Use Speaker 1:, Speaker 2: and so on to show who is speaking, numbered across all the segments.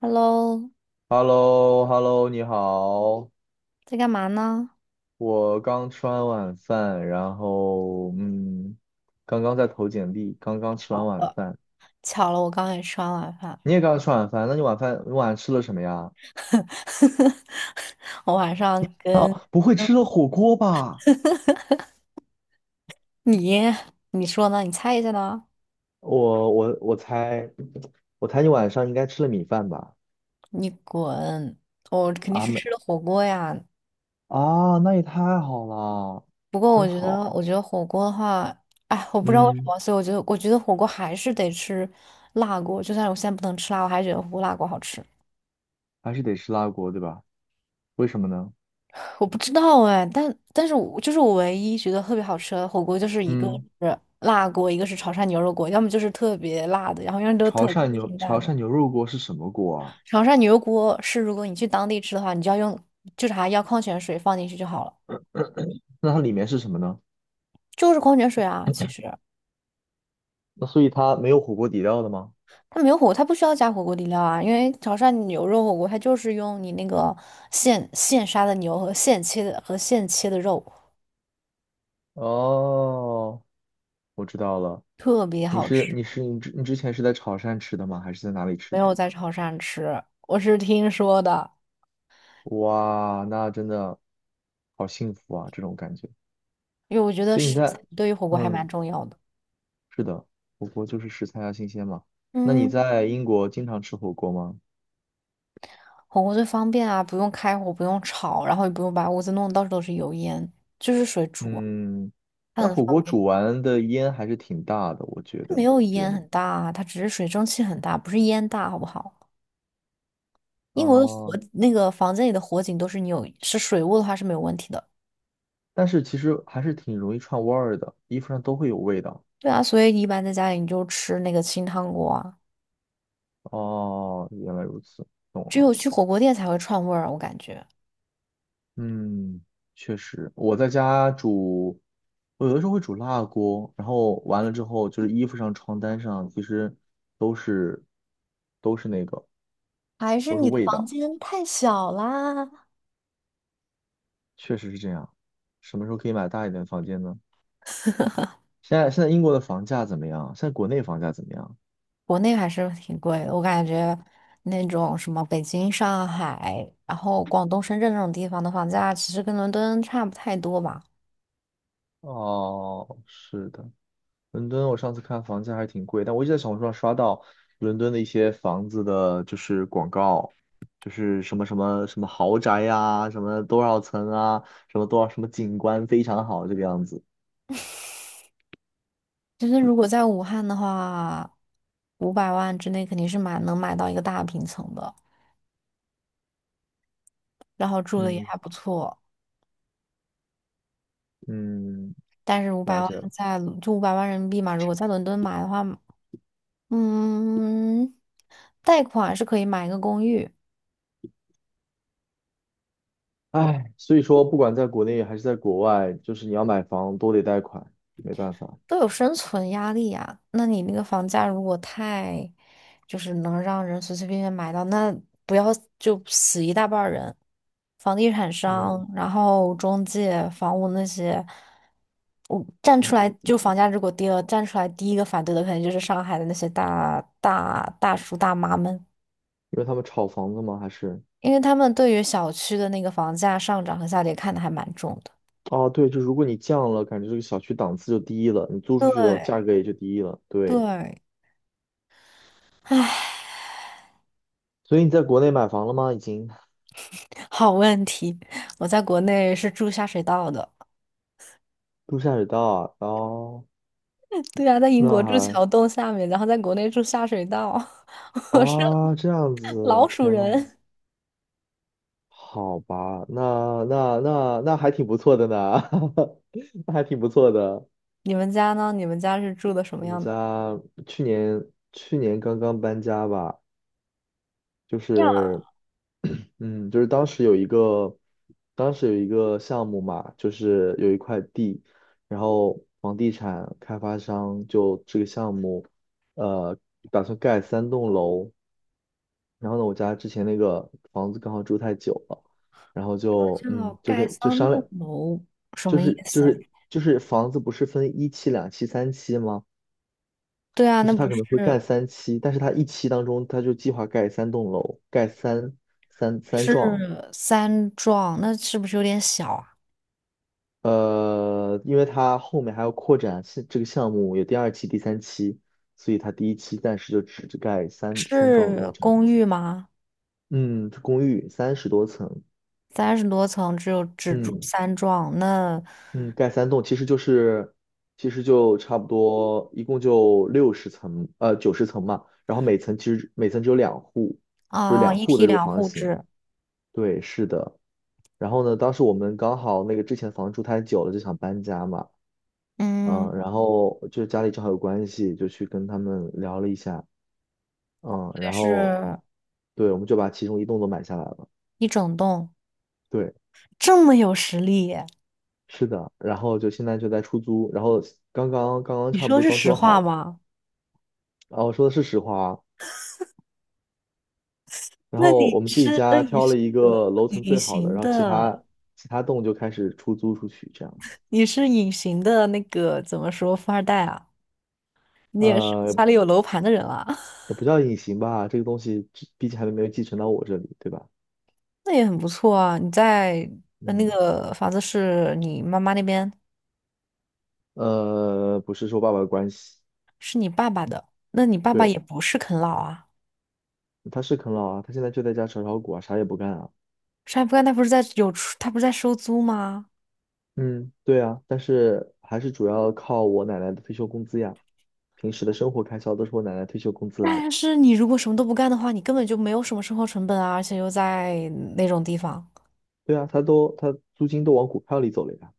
Speaker 1: Hello，
Speaker 2: h e l l o h e l l o 你好，
Speaker 1: 在干嘛呢？
Speaker 2: 我刚吃完晚饭，然后刚刚在投简历，刚刚吃完
Speaker 1: 巧
Speaker 2: 晚
Speaker 1: 了，
Speaker 2: 饭。
Speaker 1: 巧了，我刚也吃完晚饭。
Speaker 2: 你也刚刚吃晚饭，那你晚上吃了什么呀？
Speaker 1: 我晚上跟
Speaker 2: 哦，不会吃了火锅吧？
Speaker 1: 你，你说呢？你猜一下呢？
Speaker 2: 我猜，我猜你晚上应该吃了米饭吧？
Speaker 1: 你滚！我肯定
Speaker 2: 啊
Speaker 1: 是
Speaker 2: 没
Speaker 1: 吃的火锅呀。
Speaker 2: 啊，那也太好了，
Speaker 1: 不过我
Speaker 2: 真
Speaker 1: 觉得，
Speaker 2: 好。
Speaker 1: 我觉得火锅的话，哎，我不知道为什
Speaker 2: 嗯，
Speaker 1: 么，所以我觉得火锅还是得吃辣锅。就算我现在不能吃辣，我还是觉得火锅辣锅好吃。
Speaker 2: 还是得吃辣锅对吧？为什么呢？
Speaker 1: 我不知道哎，但是我就是我唯一觉得特别好吃的火锅，就是一个
Speaker 2: 嗯，
Speaker 1: 是辣锅，一个是潮汕牛肉锅，要么就是特别辣的，然后要么都特别清
Speaker 2: 潮
Speaker 1: 淡的。
Speaker 2: 汕牛肉锅是什么锅啊？
Speaker 1: 潮汕牛肉锅是如果你去当地吃的话，你就要用就是还要矿泉水放进去就好了，
Speaker 2: 那它里面是什么呢？
Speaker 1: 就是矿泉水啊。其实
Speaker 2: 那所以它没有火锅底料的吗？
Speaker 1: 它没有火锅，它不需要加火锅底料啊，因为潮汕牛肉火锅它就是用你那个现杀的牛和现切的肉，
Speaker 2: 哦，我知道了。
Speaker 1: 特别好吃。
Speaker 2: 你之前是在潮汕吃的吗？还是在哪里吃
Speaker 1: 没
Speaker 2: 的？
Speaker 1: 有在潮汕吃，我是听说的。
Speaker 2: 哇，那真的好幸福啊，这种感觉。
Speaker 1: 因为我觉得
Speaker 2: 所以你
Speaker 1: 食材
Speaker 2: 在，
Speaker 1: 对于火锅还蛮
Speaker 2: 嗯，
Speaker 1: 重要的。
Speaker 2: 是的，火锅就是食材要新鲜嘛。那你
Speaker 1: 嗯，
Speaker 2: 在英国经常吃火锅吗？
Speaker 1: 火锅最方便啊，不用开火，不用炒，然后也不用把屋子弄得到处都是油烟，就是水煮啊
Speaker 2: 嗯，
Speaker 1: 它
Speaker 2: 但
Speaker 1: 很
Speaker 2: 火
Speaker 1: 方
Speaker 2: 锅
Speaker 1: 便。
Speaker 2: 煮完的烟还是挺大的，我觉
Speaker 1: 它
Speaker 2: 得，
Speaker 1: 没有
Speaker 2: 你觉得
Speaker 1: 烟
Speaker 2: 呢？
Speaker 1: 很大啊，它只是水蒸气很大，不是烟大，好不好？英国的
Speaker 2: 哦，
Speaker 1: 那个房间里的火警都是你有是水雾的话是没有问题的。
Speaker 2: 但是其实还是挺容易串味儿的，衣服上都会有味道。
Speaker 1: 对啊，所以一般在家里你就吃那个清汤锅啊，
Speaker 2: 哦，原来如此，懂
Speaker 1: 只有
Speaker 2: 了。
Speaker 1: 去火锅店才会串味儿啊我感觉。
Speaker 2: 嗯，确实，我在家煮，我有的时候会煮辣锅，然后完了之后就是衣服上、床单上，其实都是都是那个
Speaker 1: 还是
Speaker 2: 都是
Speaker 1: 你的
Speaker 2: 味
Speaker 1: 房
Speaker 2: 道，
Speaker 1: 间太小啦，
Speaker 2: 确实是这样。什么时候可以买大一点的房间呢？现在英国的房价怎么样？现在国内房价怎么样？
Speaker 1: 国内还是挺贵的，我感觉那种什么北京、上海，然后广东、深圳这种地方的房价，其实跟伦敦差不太多吧。
Speaker 2: 哦，是的，伦敦，我上次看房价还挺贵，但我一直在小红书上刷到伦敦的一些房子的，就是广告，就是什么什么什么豪宅呀、什么多少层啊，什么多少什么景观非常好这个样子。
Speaker 1: 就是如果在武汉的话，五百万之内肯定是能买到一个大平层的，然后住的也
Speaker 2: 嗯
Speaker 1: 还不错。
Speaker 2: 嗯，
Speaker 1: 但是
Speaker 2: 了解了。
Speaker 1: 五百万人民币嘛，如果在伦敦买的话，嗯，贷款是可以买一个公寓，
Speaker 2: 唉，所以说不管在国内还是在国外，就是你要买房都得贷款，没办法。
Speaker 1: 都有生存压力呀、那你那个房价如果太，就是能让人随随便便买到，那不要就死一大半儿人，房地产
Speaker 2: 嗯，
Speaker 1: 商，然后中介、房屋那些，我站出来就房价如果跌了，站出来第一个反对的肯定就是上海的那些大叔大妈们，
Speaker 2: 因为他们炒房子吗？还是？
Speaker 1: 因为他们对于小区的那个房价上涨和下跌看得还蛮重的。
Speaker 2: 哦，对，就如果你降了，感觉这个小区档次就低了，你租出去的
Speaker 1: 对
Speaker 2: 价格也就低了。对。
Speaker 1: 对，唉，
Speaker 2: 所以你在国内买房了吗？已经
Speaker 1: 好问题，我在国内是住下水道的。
Speaker 2: 陆下水道啊，哦，
Speaker 1: 对啊，在英国
Speaker 2: 那
Speaker 1: 住
Speaker 2: 还
Speaker 1: 桥洞下面，然后在国内住下水道，我是
Speaker 2: 啊，这样子，
Speaker 1: 老鼠
Speaker 2: 天呐，
Speaker 1: 人。
Speaker 2: 好吧，那还挺不错的呢，那还挺不错的。
Speaker 1: 你们家呢？你们家是住的什么
Speaker 2: 我们
Speaker 1: 样的？
Speaker 2: 家去年去年刚刚搬家吧，就
Speaker 1: 呀，
Speaker 2: 是就是当时有一个，当时有一个项目嘛，就是有一块地，然后房地产开发商就这个项目，呃，打算盖三栋楼。然后呢，我家之前那个房子刚好住太久了，然后就
Speaker 1: 什么叫
Speaker 2: 就
Speaker 1: 盖
Speaker 2: 跟就
Speaker 1: 三
Speaker 2: 商
Speaker 1: 栋
Speaker 2: 量，
Speaker 1: 楼？什么意思？
Speaker 2: 就是房子不是分一期、两期、三期吗？
Speaker 1: 对啊，
Speaker 2: 就
Speaker 1: 那
Speaker 2: 是他
Speaker 1: 不
Speaker 2: 可
Speaker 1: 是
Speaker 2: 能会盖三期，但是他一期当中他就计划盖三栋楼，盖三幢。
Speaker 1: 是三幢，那是不是有点小啊？
Speaker 2: 因为它后面还要扩展是这个项目，有第二期、第三期，所以它第一期暂时就只盖三幢楼
Speaker 1: 是
Speaker 2: 这样
Speaker 1: 公
Speaker 2: 子。
Speaker 1: 寓吗？
Speaker 2: 嗯，这公寓30多层，
Speaker 1: 30多层，只住
Speaker 2: 嗯
Speaker 1: 三幢，那
Speaker 2: 嗯，盖三栋其实就是，其实就差不多，一共就60层，90层嘛。然后每层其实每层只有两户，就是
Speaker 1: 啊，
Speaker 2: 两
Speaker 1: 一
Speaker 2: 户
Speaker 1: 梯
Speaker 2: 的这个
Speaker 1: 两
Speaker 2: 房
Speaker 1: 户
Speaker 2: 型。
Speaker 1: 制，
Speaker 2: 对，是的。然后呢，当时我们刚好那个之前房住太久了，就想搬家嘛。
Speaker 1: 嗯，
Speaker 2: 嗯，然后就家里正好有关系，就去跟他们聊了一下，嗯，
Speaker 1: 对，
Speaker 2: 然后
Speaker 1: 是
Speaker 2: 对，我们就把其中一栋都买下来了，
Speaker 1: 一整栋，
Speaker 2: 对，
Speaker 1: 这么有实力。
Speaker 2: 是的，然后就现在就在出租，然后刚刚
Speaker 1: 你
Speaker 2: 差不
Speaker 1: 说
Speaker 2: 多
Speaker 1: 是
Speaker 2: 装
Speaker 1: 实
Speaker 2: 修
Speaker 1: 话
Speaker 2: 好，
Speaker 1: 吗？
Speaker 2: 啊，我说的是实话啊，然
Speaker 1: 那
Speaker 2: 后
Speaker 1: 你
Speaker 2: 我们自己
Speaker 1: 是，那
Speaker 2: 家
Speaker 1: 你
Speaker 2: 挑
Speaker 1: 是
Speaker 2: 了一
Speaker 1: 个
Speaker 2: 个楼层
Speaker 1: 隐
Speaker 2: 最好的，
Speaker 1: 形
Speaker 2: 然后
Speaker 1: 的，
Speaker 2: 其他栋就开始出租出去这样子，
Speaker 1: 你是隐形的那个怎么说富二代啊？你也是
Speaker 2: 呃，
Speaker 1: 家里有楼盘的人啊，
Speaker 2: 也不叫隐形吧，这个东西只毕竟还没有继承到我这里，对吧？
Speaker 1: 那也很不错啊。那
Speaker 2: 嗯，
Speaker 1: 个房子是你妈妈那边，
Speaker 2: 不是说爸爸的关系。
Speaker 1: 是你爸爸的，那你爸爸也
Speaker 2: 对。
Speaker 1: 不是啃老啊。
Speaker 2: 他是啃老啊，他现在就在家炒股啊，啥也不干啊。
Speaker 1: 啥也不干，他不是在有出，他不是在收租吗？
Speaker 2: 嗯，对啊，但是还是主要靠我奶奶的退休工资呀，平时的生活开销都是我奶奶退休工资来。
Speaker 1: 但是你如果什么都不干的话，你根本就没有什么生活成本啊，而且又在那种地方。
Speaker 2: 对啊，他租金都往股票里走了呀。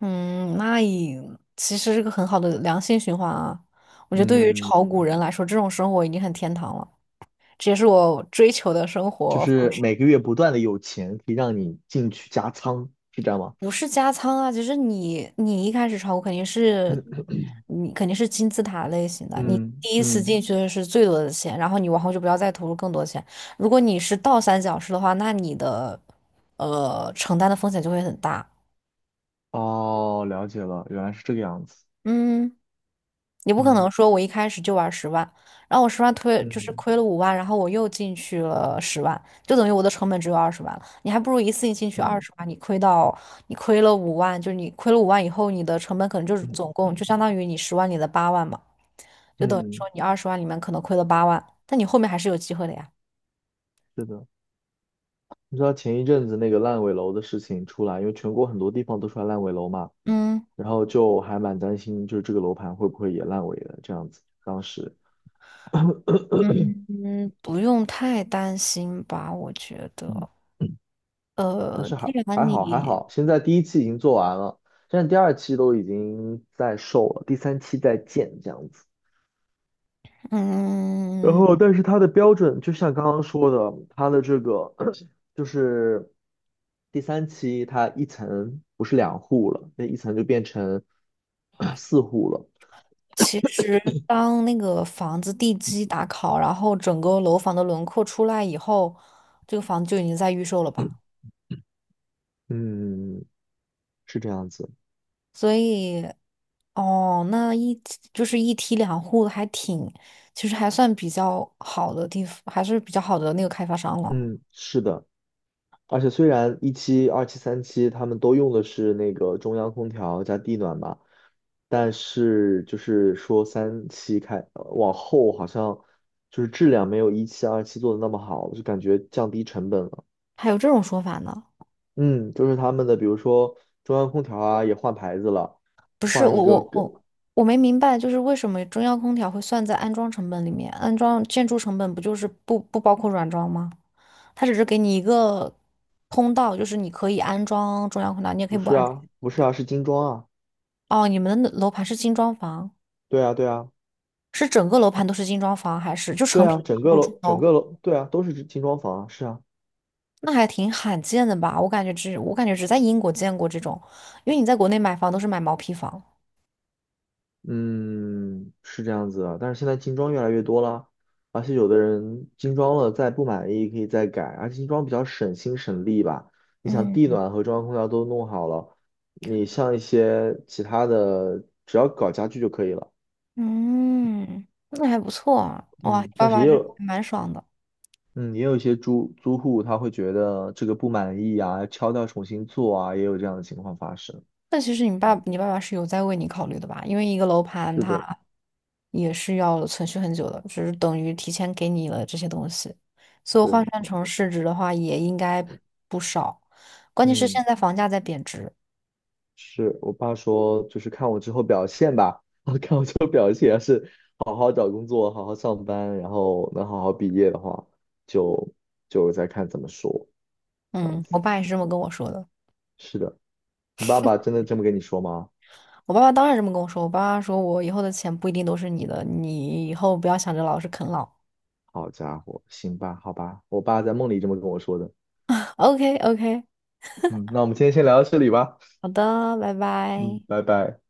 Speaker 1: 嗯，那也其实是个很好的良性循环啊。我觉得对于
Speaker 2: 嗯，
Speaker 1: 炒股人来说，这种生活已经很天堂了，这也是我追求的生
Speaker 2: 就
Speaker 1: 活方
Speaker 2: 是
Speaker 1: 式。
Speaker 2: 每个月不断的有钱可以让你进去加仓，是这样吗？
Speaker 1: 不是加仓啊，就是你一开始炒股肯定是你肯定是金字塔类型的，你
Speaker 2: 嗯
Speaker 1: 第一次进
Speaker 2: 嗯，
Speaker 1: 去的是最多的钱，然后你往后就不要再投入更多钱。如果你是倒三角式的话，那你的承担的风险就会很大。
Speaker 2: 哦，了解了，原来是这个样子。
Speaker 1: 嗯。你不可能
Speaker 2: 嗯
Speaker 1: 说我一开始就玩十万，然后我十万推就是
Speaker 2: 嗯
Speaker 1: 亏了五万，然后我又进去了十万，就等于我的成本只有二十万了。你还不如一次性进去二
Speaker 2: 嗯
Speaker 1: 十万，你亏了五万，就是你亏了五万以后，你的成本可能就是
Speaker 2: 嗯，
Speaker 1: 总共就相当于你十万里的八万嘛，就等于说
Speaker 2: 嗯，
Speaker 1: 你二十万里面可能亏了八万，但你后面还是有机会的呀。
Speaker 2: 是的。你知道前一阵子那个烂尾楼的事情出来，因为全国很多地方都出来烂尾楼嘛，
Speaker 1: 嗯
Speaker 2: 然后就还蛮担心，就是这个楼盘会不会也烂尾了这样子。当时，
Speaker 1: 嗯，不用太担心吧，我觉
Speaker 2: 嗯，
Speaker 1: 得。
Speaker 2: 嗯但
Speaker 1: 呃，
Speaker 2: 是
Speaker 1: 既
Speaker 2: 还还
Speaker 1: 然
Speaker 2: 好还
Speaker 1: 你
Speaker 2: 好，现在第一期已经做完了，现在第二期都已经在售了，第三期在建这样子。然
Speaker 1: 嗯。
Speaker 2: 后，但是它的标准就像刚刚说的，它的这个 就是第三期，它一层不是两户了，那一层就变成 四户了。
Speaker 1: 其实，当那个房子地基打好，然后整个楼房的轮廓出来以后，这个房子就已经在预售了吧？
Speaker 2: 嗯，是这样子。
Speaker 1: 所以，哦，就是一梯两户还挺，其实还算比较好的地方，还是比较好的那个开发商了。
Speaker 2: 嗯，是的。而且虽然一期、二期、三期他们都用的是那个中央空调加地暖吧，但是就是说三期开往后好像就是质量没有一期、二期做的那么好，就感觉降低成本了。
Speaker 1: 还有这种说法呢？
Speaker 2: 嗯，就是他们的比如说中央空调啊也换牌子了，
Speaker 1: 不是，
Speaker 2: 换一
Speaker 1: 我
Speaker 2: 个
Speaker 1: 我
Speaker 2: 更
Speaker 1: 我我没明白，就是为什么中央空调会算在安装成本里面？安装建筑成本不就是不包括软装吗？它只是给你一个通道，就是你可以安装中央空调，你也可以
Speaker 2: 不
Speaker 1: 不
Speaker 2: 是
Speaker 1: 安装。
Speaker 2: 啊，不是啊，是精装啊。
Speaker 1: 哦，你们的楼盘是精装房，
Speaker 2: 对啊，对啊，
Speaker 1: 是整个楼盘都是精装房，还是就
Speaker 2: 对
Speaker 1: 成品
Speaker 2: 啊，整个
Speaker 1: 入住
Speaker 2: 楼
Speaker 1: 楼？
Speaker 2: 对啊都是精装房啊，是啊。
Speaker 1: 那还挺罕见的吧？我感觉只在英国见过这种，因为你在国内买房都是买毛坯房。
Speaker 2: 嗯，是这样子啊，但是现在精装越来越多了，而且有的人精装了再不满意可以再改，而且精装比较省心省力吧。你想地
Speaker 1: 嗯
Speaker 2: 暖和中央空调都弄好了，你像一些其他的，只要搞家具就可以了。
Speaker 1: 嗯，那还不错啊，哇，
Speaker 2: 嗯，
Speaker 1: 爸
Speaker 2: 但是
Speaker 1: 爸
Speaker 2: 也
Speaker 1: 这个
Speaker 2: 有，
Speaker 1: 还蛮爽的。
Speaker 2: 嗯，也有一些租户他会觉得这个不满意啊，敲掉重新做啊，也有这样的情况发生。
Speaker 1: 那其实你爸爸是有在为你考虑的吧？因为一个楼盘
Speaker 2: 是
Speaker 1: 它
Speaker 2: 的，
Speaker 1: 也是要存续很久的，只是等于提前给你了这些东西，所以换
Speaker 2: 对，
Speaker 1: 算成市值的话也应该不少。关键是
Speaker 2: 嗯，
Speaker 1: 现在房价在贬值，
Speaker 2: 是我爸说就是看我之后表现吧。好好找工作，好好上班，然后能好好毕业的话，就就再看怎么说，这样
Speaker 1: 嗯，
Speaker 2: 子。
Speaker 1: 我爸也是这么跟我说的。
Speaker 2: 是的，你爸爸真的这么跟你说吗？
Speaker 1: 我爸爸当然这么跟我说，我爸爸说我以后的钱不一定都是你的，你以后不要想着老是啃老。
Speaker 2: 好家伙，行吧，好吧，我爸在梦里这么跟我说的。
Speaker 1: OK OK，
Speaker 2: 嗯，那我们今天先聊到这里吧。
Speaker 1: 好的，拜拜。
Speaker 2: 嗯，拜拜。